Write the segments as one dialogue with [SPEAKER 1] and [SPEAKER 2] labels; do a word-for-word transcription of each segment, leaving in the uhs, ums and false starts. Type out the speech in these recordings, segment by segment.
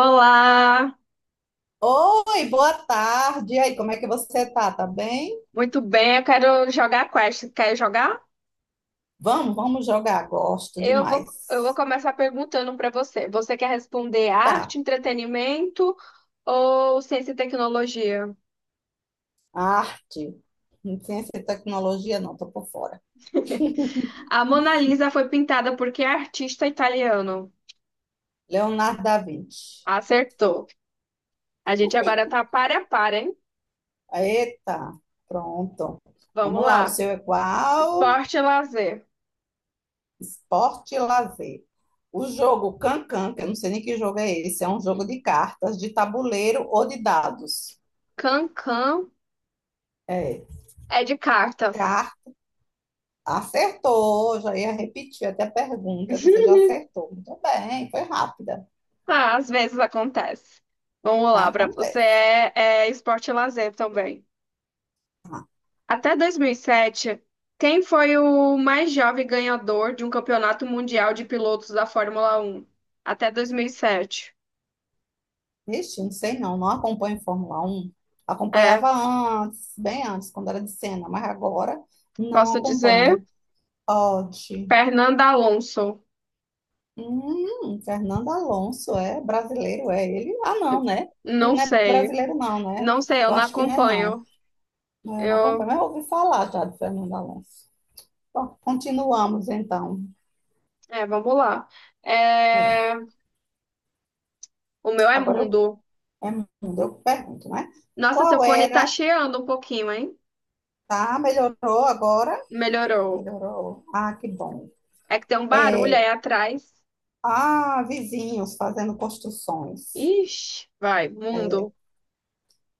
[SPEAKER 1] Olá,
[SPEAKER 2] Oi, boa tarde. E aí, como é que você tá? Tá bem?
[SPEAKER 1] muito bem. Eu quero jogar quest. Quer jogar?
[SPEAKER 2] Vamos, vamos jogar. Gosto
[SPEAKER 1] Eu vou, eu vou
[SPEAKER 2] demais.
[SPEAKER 1] começar perguntando para você. Você quer responder
[SPEAKER 2] Tá.
[SPEAKER 1] arte, entretenimento ou ciência e tecnologia?
[SPEAKER 2] Arte, ciência e tecnologia, não, tô por fora.
[SPEAKER 1] A Mona Lisa foi pintada por que artista italiano?
[SPEAKER 2] Leonardo da Vinci.
[SPEAKER 1] Acertou. A gente agora tá para a par, hein?
[SPEAKER 2] Eita, pronto.
[SPEAKER 1] Vamos
[SPEAKER 2] Vamos lá, o
[SPEAKER 1] lá.
[SPEAKER 2] seu é qual?
[SPEAKER 1] Esporte e lazer.
[SPEAKER 2] Esporte e lazer. O jogo Cancan, que eu não sei nem que jogo é esse, é um jogo de cartas, de tabuleiro ou de dados.
[SPEAKER 1] Can-can
[SPEAKER 2] É.
[SPEAKER 1] é de cartas.
[SPEAKER 2] Acertou, já ia repetir até a pergunta, você já acertou. Muito bem, foi rápida.
[SPEAKER 1] Ah, às vezes acontece. Vamos lá, para você
[SPEAKER 2] Acontece.
[SPEAKER 1] é, é esporte e lazer também. Até dois mil e sete, quem foi o mais jovem ganhador de um campeonato mundial de pilotos da Fórmula Um? Até dois mil e sete.
[SPEAKER 2] Ixi, não sei não, não acompanho Fórmula Um.
[SPEAKER 1] É,
[SPEAKER 2] Acompanhava antes, bem antes, quando era de cena, mas agora não
[SPEAKER 1] posso dizer,
[SPEAKER 2] acompanho. Odd.
[SPEAKER 1] Fernando Alonso.
[SPEAKER 2] Hum, Fernando Alonso é brasileiro, é ele? Ah, não, né? Ele
[SPEAKER 1] Não
[SPEAKER 2] não é
[SPEAKER 1] sei.
[SPEAKER 2] brasileiro, não, né?
[SPEAKER 1] Não sei, eu
[SPEAKER 2] Eu
[SPEAKER 1] não
[SPEAKER 2] acho que não é, não.
[SPEAKER 1] acompanho.
[SPEAKER 2] Eu não acompanho,
[SPEAKER 1] Eu,
[SPEAKER 2] mas eu ouvi falar já de Fernando Alonso. Bom, continuamos então.
[SPEAKER 1] é, vamos lá. É,
[SPEAKER 2] É.
[SPEAKER 1] o meu é
[SPEAKER 2] Agora eu
[SPEAKER 1] mundo.
[SPEAKER 2] é mundo, eu pergunto, né?
[SPEAKER 1] Nossa, seu
[SPEAKER 2] Qual
[SPEAKER 1] fone tá
[SPEAKER 2] era?
[SPEAKER 1] cheando um pouquinho, hein?
[SPEAKER 2] Tá, melhorou agora?
[SPEAKER 1] Melhorou.
[SPEAKER 2] Melhorou. Ah, que bom.
[SPEAKER 1] É que tem um barulho aí atrás.
[SPEAKER 2] Ah, vizinhos fazendo construções.
[SPEAKER 1] Ixi, vai, mundo.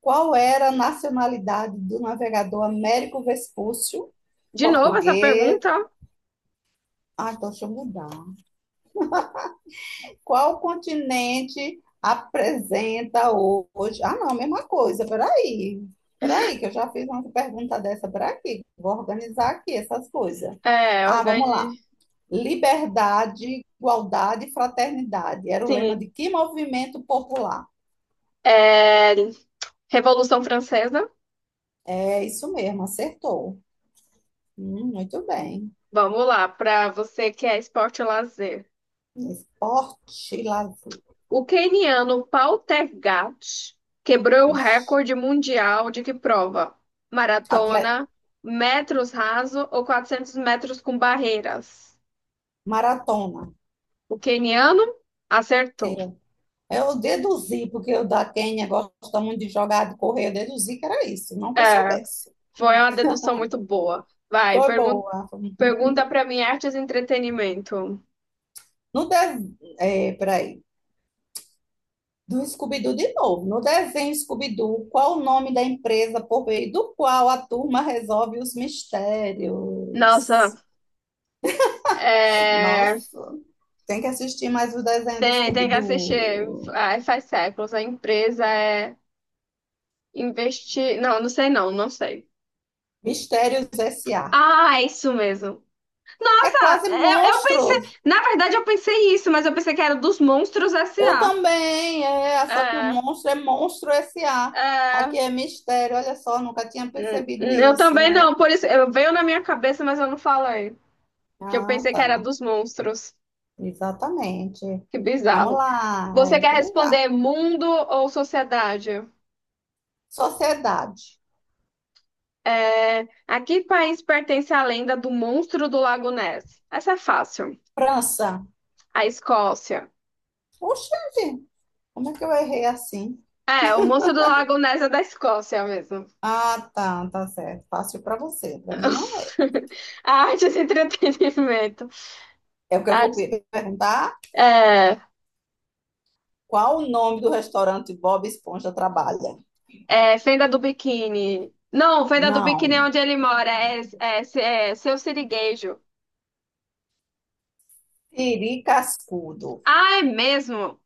[SPEAKER 2] Qual era a nacionalidade do navegador Américo Vespúcio?
[SPEAKER 1] De novo essa
[SPEAKER 2] Português.
[SPEAKER 1] pergunta?
[SPEAKER 2] Ah, então deixa eu mudar. Qual continente apresenta hoje? Ah, não, mesma coisa. Peraí. Peraí, que eu já fiz uma pergunta dessa por aqui. Vou organizar aqui essas coisas.
[SPEAKER 1] É,
[SPEAKER 2] Ah, vamos lá.
[SPEAKER 1] organi...
[SPEAKER 2] Liberdade, igualdade e fraternidade. Era o lema
[SPEAKER 1] Sim.
[SPEAKER 2] de que movimento popular?
[SPEAKER 1] É, Revolução Francesa.
[SPEAKER 2] É isso mesmo, acertou. Hum, muito bem.
[SPEAKER 1] Vamos lá, para você que é esporte e lazer.
[SPEAKER 2] Esporte e lazer.
[SPEAKER 1] O queniano Pautergat quebrou o
[SPEAKER 2] Ixi,
[SPEAKER 1] recorde mundial de que prova?
[SPEAKER 2] atle-
[SPEAKER 1] Maratona, metros raso ou quatrocentos metros com barreiras?
[SPEAKER 2] maratona.
[SPEAKER 1] O queniano acertou.
[SPEAKER 2] Sim. Eu deduzi, porque o da Quênia gosta muito de jogar, de correr, eu deduzi que era isso, não que eu
[SPEAKER 1] É,
[SPEAKER 2] soubesse.
[SPEAKER 1] foi uma dedução muito boa. Vai,
[SPEAKER 2] Foi
[SPEAKER 1] pergun-
[SPEAKER 2] boa.
[SPEAKER 1] pergunta para mim, artes e entretenimento.
[SPEAKER 2] No de... É, peraí. Do Scooby-Doo de novo. No desenho Scooby-Doo, qual o nome da empresa por meio do qual a turma resolve os
[SPEAKER 1] Nossa,
[SPEAKER 2] mistérios?
[SPEAKER 1] é,
[SPEAKER 2] Nossa, tem que assistir mais o desenho do
[SPEAKER 1] Tem, tem que assistir.
[SPEAKER 2] Scooby-Doo.
[SPEAKER 1] Ai, faz séculos. A empresa é investir. Não, não sei não, não sei.
[SPEAKER 2] Mistérios S A.
[SPEAKER 1] Ah, é isso mesmo.
[SPEAKER 2] É
[SPEAKER 1] Nossa,
[SPEAKER 2] quase
[SPEAKER 1] eu, eu pensei.
[SPEAKER 2] monstros.
[SPEAKER 1] Na verdade, eu pensei isso, mas eu pensei que era dos Monstros S
[SPEAKER 2] Eu
[SPEAKER 1] a.
[SPEAKER 2] também, é. Só que o
[SPEAKER 1] É,
[SPEAKER 2] monstro é monstro S A.
[SPEAKER 1] é.
[SPEAKER 2] Aqui é mistério. Olha só, nunca tinha
[SPEAKER 1] Hum,
[SPEAKER 2] percebido
[SPEAKER 1] hum, Eu
[SPEAKER 2] isso,
[SPEAKER 1] também
[SPEAKER 2] não é?
[SPEAKER 1] não, por isso. Eu veio na minha cabeça, mas eu não falei. Que eu
[SPEAKER 2] Ah,
[SPEAKER 1] pensei que era
[SPEAKER 2] tá.
[SPEAKER 1] dos monstros.
[SPEAKER 2] Exatamente.
[SPEAKER 1] Que
[SPEAKER 2] Vamos
[SPEAKER 1] bizarro.
[SPEAKER 2] lá.
[SPEAKER 1] Você
[SPEAKER 2] É,
[SPEAKER 1] quer
[SPEAKER 2] que bizarro.
[SPEAKER 1] responder mundo ou sociedade?
[SPEAKER 2] Sociedade.
[SPEAKER 1] É, a que país pertence a lenda do monstro do Lago Ness? Essa é fácil.
[SPEAKER 2] França.
[SPEAKER 1] A Escócia.
[SPEAKER 2] Oxente, como é que eu errei assim?
[SPEAKER 1] É, o monstro do Lago Ness é da Escócia mesmo.
[SPEAKER 2] Ah, tá, tá certo. Fácil para você, para mim não é.
[SPEAKER 1] A arte e entretenimento.
[SPEAKER 2] É porque eu vou
[SPEAKER 1] Artes-
[SPEAKER 2] pe- perguntar
[SPEAKER 1] é,
[SPEAKER 2] qual o nome do restaurante Bob Esponja trabalha.
[SPEAKER 1] é, Fenda do Biquíni. Não, Fenda do Biquíni é
[SPEAKER 2] Não,
[SPEAKER 1] onde ele mora. É, é, é Seu Siriguejo.
[SPEAKER 2] Siri Cascudo.
[SPEAKER 1] Ah, é mesmo?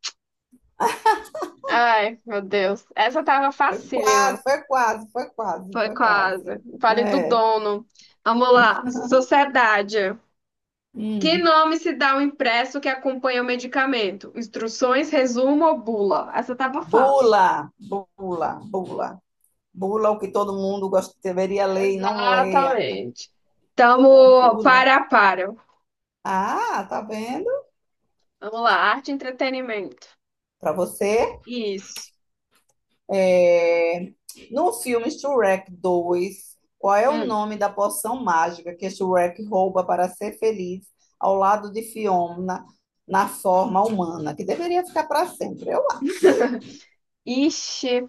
[SPEAKER 1] Ai, meu Deus. Essa tava
[SPEAKER 2] Foi
[SPEAKER 1] facílima.
[SPEAKER 2] quase, foi quase, foi quase,
[SPEAKER 1] Foi
[SPEAKER 2] foi
[SPEAKER 1] quase.
[SPEAKER 2] quase.
[SPEAKER 1] Vale do
[SPEAKER 2] É.
[SPEAKER 1] dono. Vamos lá. Sociedade. Que
[SPEAKER 2] Hum.
[SPEAKER 1] nome se dá ao impresso que acompanha o medicamento? Instruções, resumo ou bula? Essa tava fácil.
[SPEAKER 2] Bula, bula, bula. Bula o que todo mundo gosta, deveria ler e não leia.
[SPEAKER 1] Exatamente. Tamo
[SPEAKER 2] Bula.
[SPEAKER 1] para a para.
[SPEAKER 2] Ah, tá vendo?
[SPEAKER 1] Vamos lá, arte e entretenimento.
[SPEAKER 2] Para você
[SPEAKER 1] Isso.
[SPEAKER 2] é, no filme Shrek dois, qual é o
[SPEAKER 1] Hum.
[SPEAKER 2] nome da poção mágica que Shrek rouba para ser feliz ao lado de Fiona na forma humana, que deveria ficar para sempre? Eu acho.
[SPEAKER 1] Ixi.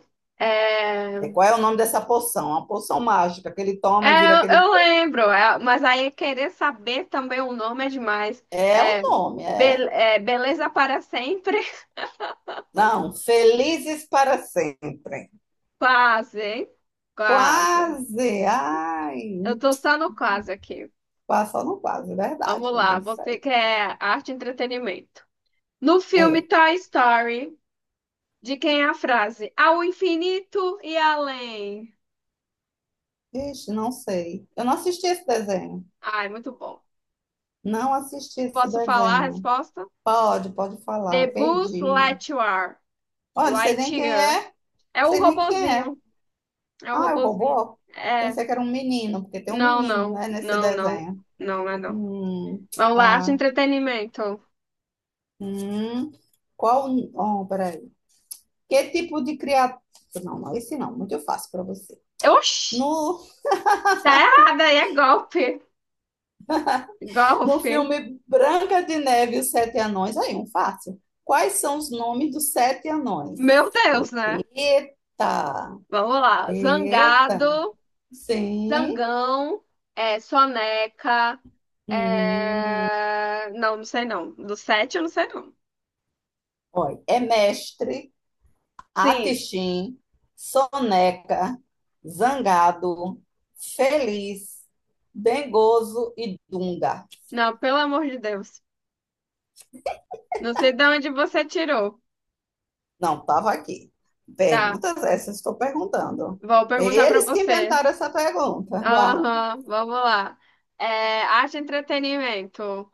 [SPEAKER 2] É,
[SPEAKER 1] É...
[SPEAKER 2] qual é o nome dessa poção? A poção mágica que ele
[SPEAKER 1] É,
[SPEAKER 2] toma e vira aquele.
[SPEAKER 1] eu lembro, é, mas aí querer saber também o nome é demais.
[SPEAKER 2] É o
[SPEAKER 1] É,
[SPEAKER 2] nome, é.
[SPEAKER 1] be- é, beleza para sempre?
[SPEAKER 2] Não, felizes para sempre.
[SPEAKER 1] Quase, hein? Quase.
[SPEAKER 2] Quase. Ai,
[SPEAKER 1] Eu tô só no quase aqui.
[SPEAKER 2] passou no quase, é verdade,
[SPEAKER 1] Vamos
[SPEAKER 2] não
[SPEAKER 1] lá,
[SPEAKER 2] tem que
[SPEAKER 1] você
[SPEAKER 2] sair.
[SPEAKER 1] quer arte e entretenimento. No filme
[SPEAKER 2] É.
[SPEAKER 1] Toy Story, de quem é a frase? Ao infinito e além.
[SPEAKER 2] Ixi, não sei. Eu não assisti esse desenho.
[SPEAKER 1] Ai, muito bom.
[SPEAKER 2] Não assisti esse
[SPEAKER 1] Posso falar a
[SPEAKER 2] desenho.
[SPEAKER 1] resposta?
[SPEAKER 2] Pode, pode falar.
[SPEAKER 1] The Buzz
[SPEAKER 2] Perdi.
[SPEAKER 1] Lightyear.
[SPEAKER 2] Olha, não sei nem quem
[SPEAKER 1] Lightyear.
[SPEAKER 2] é. Não
[SPEAKER 1] É o
[SPEAKER 2] sei nem quem é.
[SPEAKER 1] robozinho. É o
[SPEAKER 2] Ah, é o
[SPEAKER 1] robozinho.
[SPEAKER 2] robô?
[SPEAKER 1] É.
[SPEAKER 2] Pensei que era um menino, porque tem um
[SPEAKER 1] Não,
[SPEAKER 2] menino,
[SPEAKER 1] não.
[SPEAKER 2] né, nesse
[SPEAKER 1] Não, não.
[SPEAKER 2] desenho.
[SPEAKER 1] Não, não é não.
[SPEAKER 2] Hum,
[SPEAKER 1] Vamos lá, arte e
[SPEAKER 2] pá.
[SPEAKER 1] entretenimento.
[SPEAKER 2] Hum. Qual. Oh, peraí. Que tipo de criatura. Não, não, esse não. Muito fácil para você.
[SPEAKER 1] Oxi,
[SPEAKER 2] No,
[SPEAKER 1] tá errado aí, é golpe.
[SPEAKER 2] no
[SPEAKER 1] Golpe.
[SPEAKER 2] filme Branca de Neve e os Sete Anões, aí, um fácil. Quais são os nomes dos sete anões?
[SPEAKER 1] Meu Deus, né?
[SPEAKER 2] Eita!
[SPEAKER 1] Vamos lá.
[SPEAKER 2] Eita!
[SPEAKER 1] Zangado.
[SPEAKER 2] Sim.
[SPEAKER 1] Zangão, é, Soneca,
[SPEAKER 2] Hum,
[SPEAKER 1] é, não, não sei não. Do sete eu não sei não.
[SPEAKER 2] olha, é Mestre,
[SPEAKER 1] Sim,
[SPEAKER 2] Atixim, Soneca, Zangado, Feliz, Dengoso e Dunga.
[SPEAKER 1] não, pelo amor de Deus. Não sei de onde você tirou.
[SPEAKER 2] Não, estava aqui.
[SPEAKER 1] Tá,
[SPEAKER 2] Perguntas essas estou perguntando.
[SPEAKER 1] vou perguntar pra
[SPEAKER 2] Eles que
[SPEAKER 1] você.
[SPEAKER 2] inventaram essa pergunta. Vá.
[SPEAKER 1] Aham, vamos lá. É, arte e entretenimento.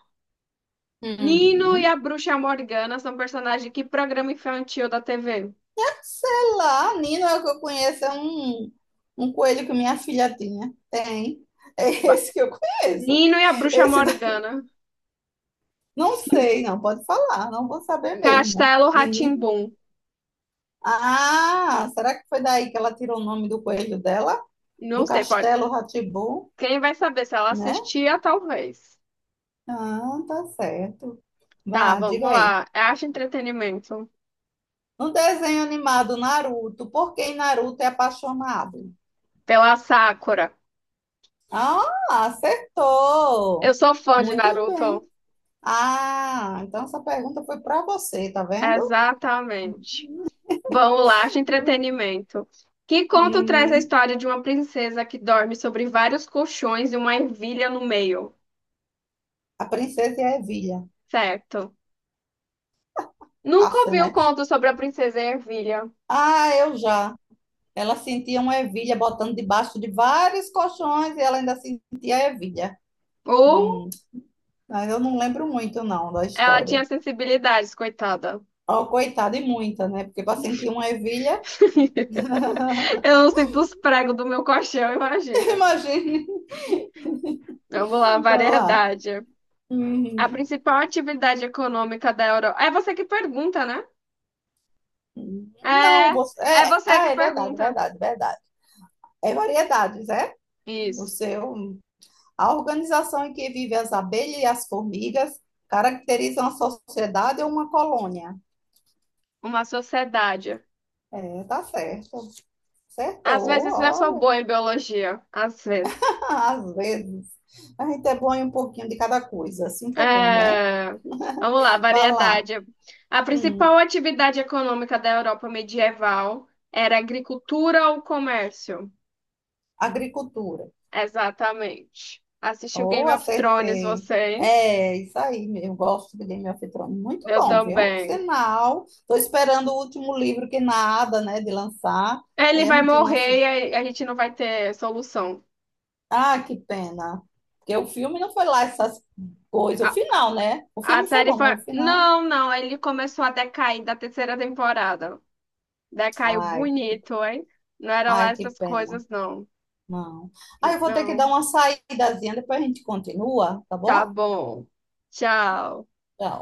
[SPEAKER 1] Nino e
[SPEAKER 2] Hum,
[SPEAKER 1] a Bruxa Morgana são personagens de que programa infantil da T V?
[SPEAKER 2] sei lá, Nino é o que eu conheço, é um, um coelho que minha filha tinha. Tem. É
[SPEAKER 1] Ba-
[SPEAKER 2] esse que eu conheço.
[SPEAKER 1] Nino e a Bruxa
[SPEAKER 2] Esse
[SPEAKER 1] Morgana.
[SPEAKER 2] Não sei, não pode falar, não vou saber mesmo.
[SPEAKER 1] Castelo rá.
[SPEAKER 2] Menina. Ah, será que foi daí que ela tirou o nome do coelho dela? Do
[SPEAKER 1] Não sei, pode.
[SPEAKER 2] Castelo Rá,
[SPEAKER 1] Quem vai saber se ela
[SPEAKER 2] né?
[SPEAKER 1] assistia, talvez.
[SPEAKER 2] Ah, tá certo.
[SPEAKER 1] Tá,
[SPEAKER 2] Vá,
[SPEAKER 1] vamos
[SPEAKER 2] diga aí.
[SPEAKER 1] lá. É arte e entretenimento.
[SPEAKER 2] No desenho animado Naruto, por que Naruto é apaixonado?
[SPEAKER 1] Pela Sakura.
[SPEAKER 2] Ah,
[SPEAKER 1] Eu
[SPEAKER 2] acertou.
[SPEAKER 1] sou fã de
[SPEAKER 2] Muito bem.
[SPEAKER 1] Naruto.
[SPEAKER 2] Ah, então essa pergunta foi para você, tá vendo?
[SPEAKER 1] Exatamente. Vamos lá, arte e entretenimento. Que conto traz a
[SPEAKER 2] Uhum.
[SPEAKER 1] história de uma princesa que dorme sobre vários colchões e uma ervilha no meio?
[SPEAKER 2] A princesa e a ervilha.
[SPEAKER 1] Certo. Nunca
[SPEAKER 2] Fácil,
[SPEAKER 1] ouvi o
[SPEAKER 2] né?
[SPEAKER 1] conto sobre a princesa e a ervilha.
[SPEAKER 2] Ah, eu já. Ela sentia uma ervilha botando debaixo de vários colchões e ela ainda sentia a ervilha.
[SPEAKER 1] Ou
[SPEAKER 2] Hum, mas eu não lembro muito, não, da
[SPEAKER 1] ela
[SPEAKER 2] história.
[SPEAKER 1] tinha sensibilidades, coitada.
[SPEAKER 2] Oh, coitada, e muita, né? Porque para sentir uma ervilha,
[SPEAKER 1] Eu não sinto os pregos do meu colchão, imagina.
[SPEAKER 2] imagine,
[SPEAKER 1] Vamos lá,
[SPEAKER 2] vai lá.
[SPEAKER 1] variedade. A
[SPEAKER 2] Uhum.
[SPEAKER 1] principal atividade econômica da Europa. É você que pergunta, né?
[SPEAKER 2] Não,
[SPEAKER 1] É,
[SPEAKER 2] você.
[SPEAKER 1] é
[SPEAKER 2] É,
[SPEAKER 1] você que
[SPEAKER 2] ah, é verdade,
[SPEAKER 1] pergunta.
[SPEAKER 2] verdade, verdade. É variedades, é? O
[SPEAKER 1] Isso.
[SPEAKER 2] seu, a organização em que vivem as abelhas e as formigas caracterizam a sociedade ou uma colônia.
[SPEAKER 1] Uma sociedade.
[SPEAKER 2] É, tá certo.
[SPEAKER 1] Às
[SPEAKER 2] Acertou,
[SPEAKER 1] vezes eu sou
[SPEAKER 2] olha.
[SPEAKER 1] boa em biologia. Às vezes.
[SPEAKER 2] Ah, às vezes. A gente é bom em um pouquinho de cada coisa, assim que é bom, né?
[SPEAKER 1] É, vamos lá,
[SPEAKER 2] Vai lá.
[SPEAKER 1] variedade. A
[SPEAKER 2] Hum,
[SPEAKER 1] principal atividade econômica da Europa medieval era a agricultura ou comércio?
[SPEAKER 2] agricultura.
[SPEAKER 1] Exatamente. Assistiu
[SPEAKER 2] Oh,
[SPEAKER 1] Game of Thrones,
[SPEAKER 2] acertei.
[SPEAKER 1] você, hein?
[SPEAKER 2] É, isso aí, eu gosto de Game of Thrones. Muito
[SPEAKER 1] Eu
[SPEAKER 2] bom, viu?
[SPEAKER 1] também.
[SPEAKER 2] Sinal. Estou esperando o último livro que nada, né, de lançar.
[SPEAKER 1] Ele
[SPEAKER 2] Aí a
[SPEAKER 1] vai
[SPEAKER 2] gente não
[SPEAKER 1] morrer
[SPEAKER 2] assiste.
[SPEAKER 1] e a a gente não vai ter solução.
[SPEAKER 2] Ah, que pena. Porque o filme não foi lá essas coisas. O final, né? O
[SPEAKER 1] A
[SPEAKER 2] filme foi
[SPEAKER 1] série
[SPEAKER 2] bom, mas
[SPEAKER 1] foi.
[SPEAKER 2] o final.
[SPEAKER 1] Não, não, ele começou a decair da terceira temporada. Decaiu
[SPEAKER 2] Ai,
[SPEAKER 1] bonito, hein? Não era lá
[SPEAKER 2] ai, que
[SPEAKER 1] essas
[SPEAKER 2] pena.
[SPEAKER 1] coisas, não.
[SPEAKER 2] Não. Ah, eu vou ter que dar
[SPEAKER 1] Não.
[SPEAKER 2] uma saídazinha, depois a gente continua, tá
[SPEAKER 1] Tá
[SPEAKER 2] bom?
[SPEAKER 1] bom. Tchau.
[SPEAKER 2] Tchau.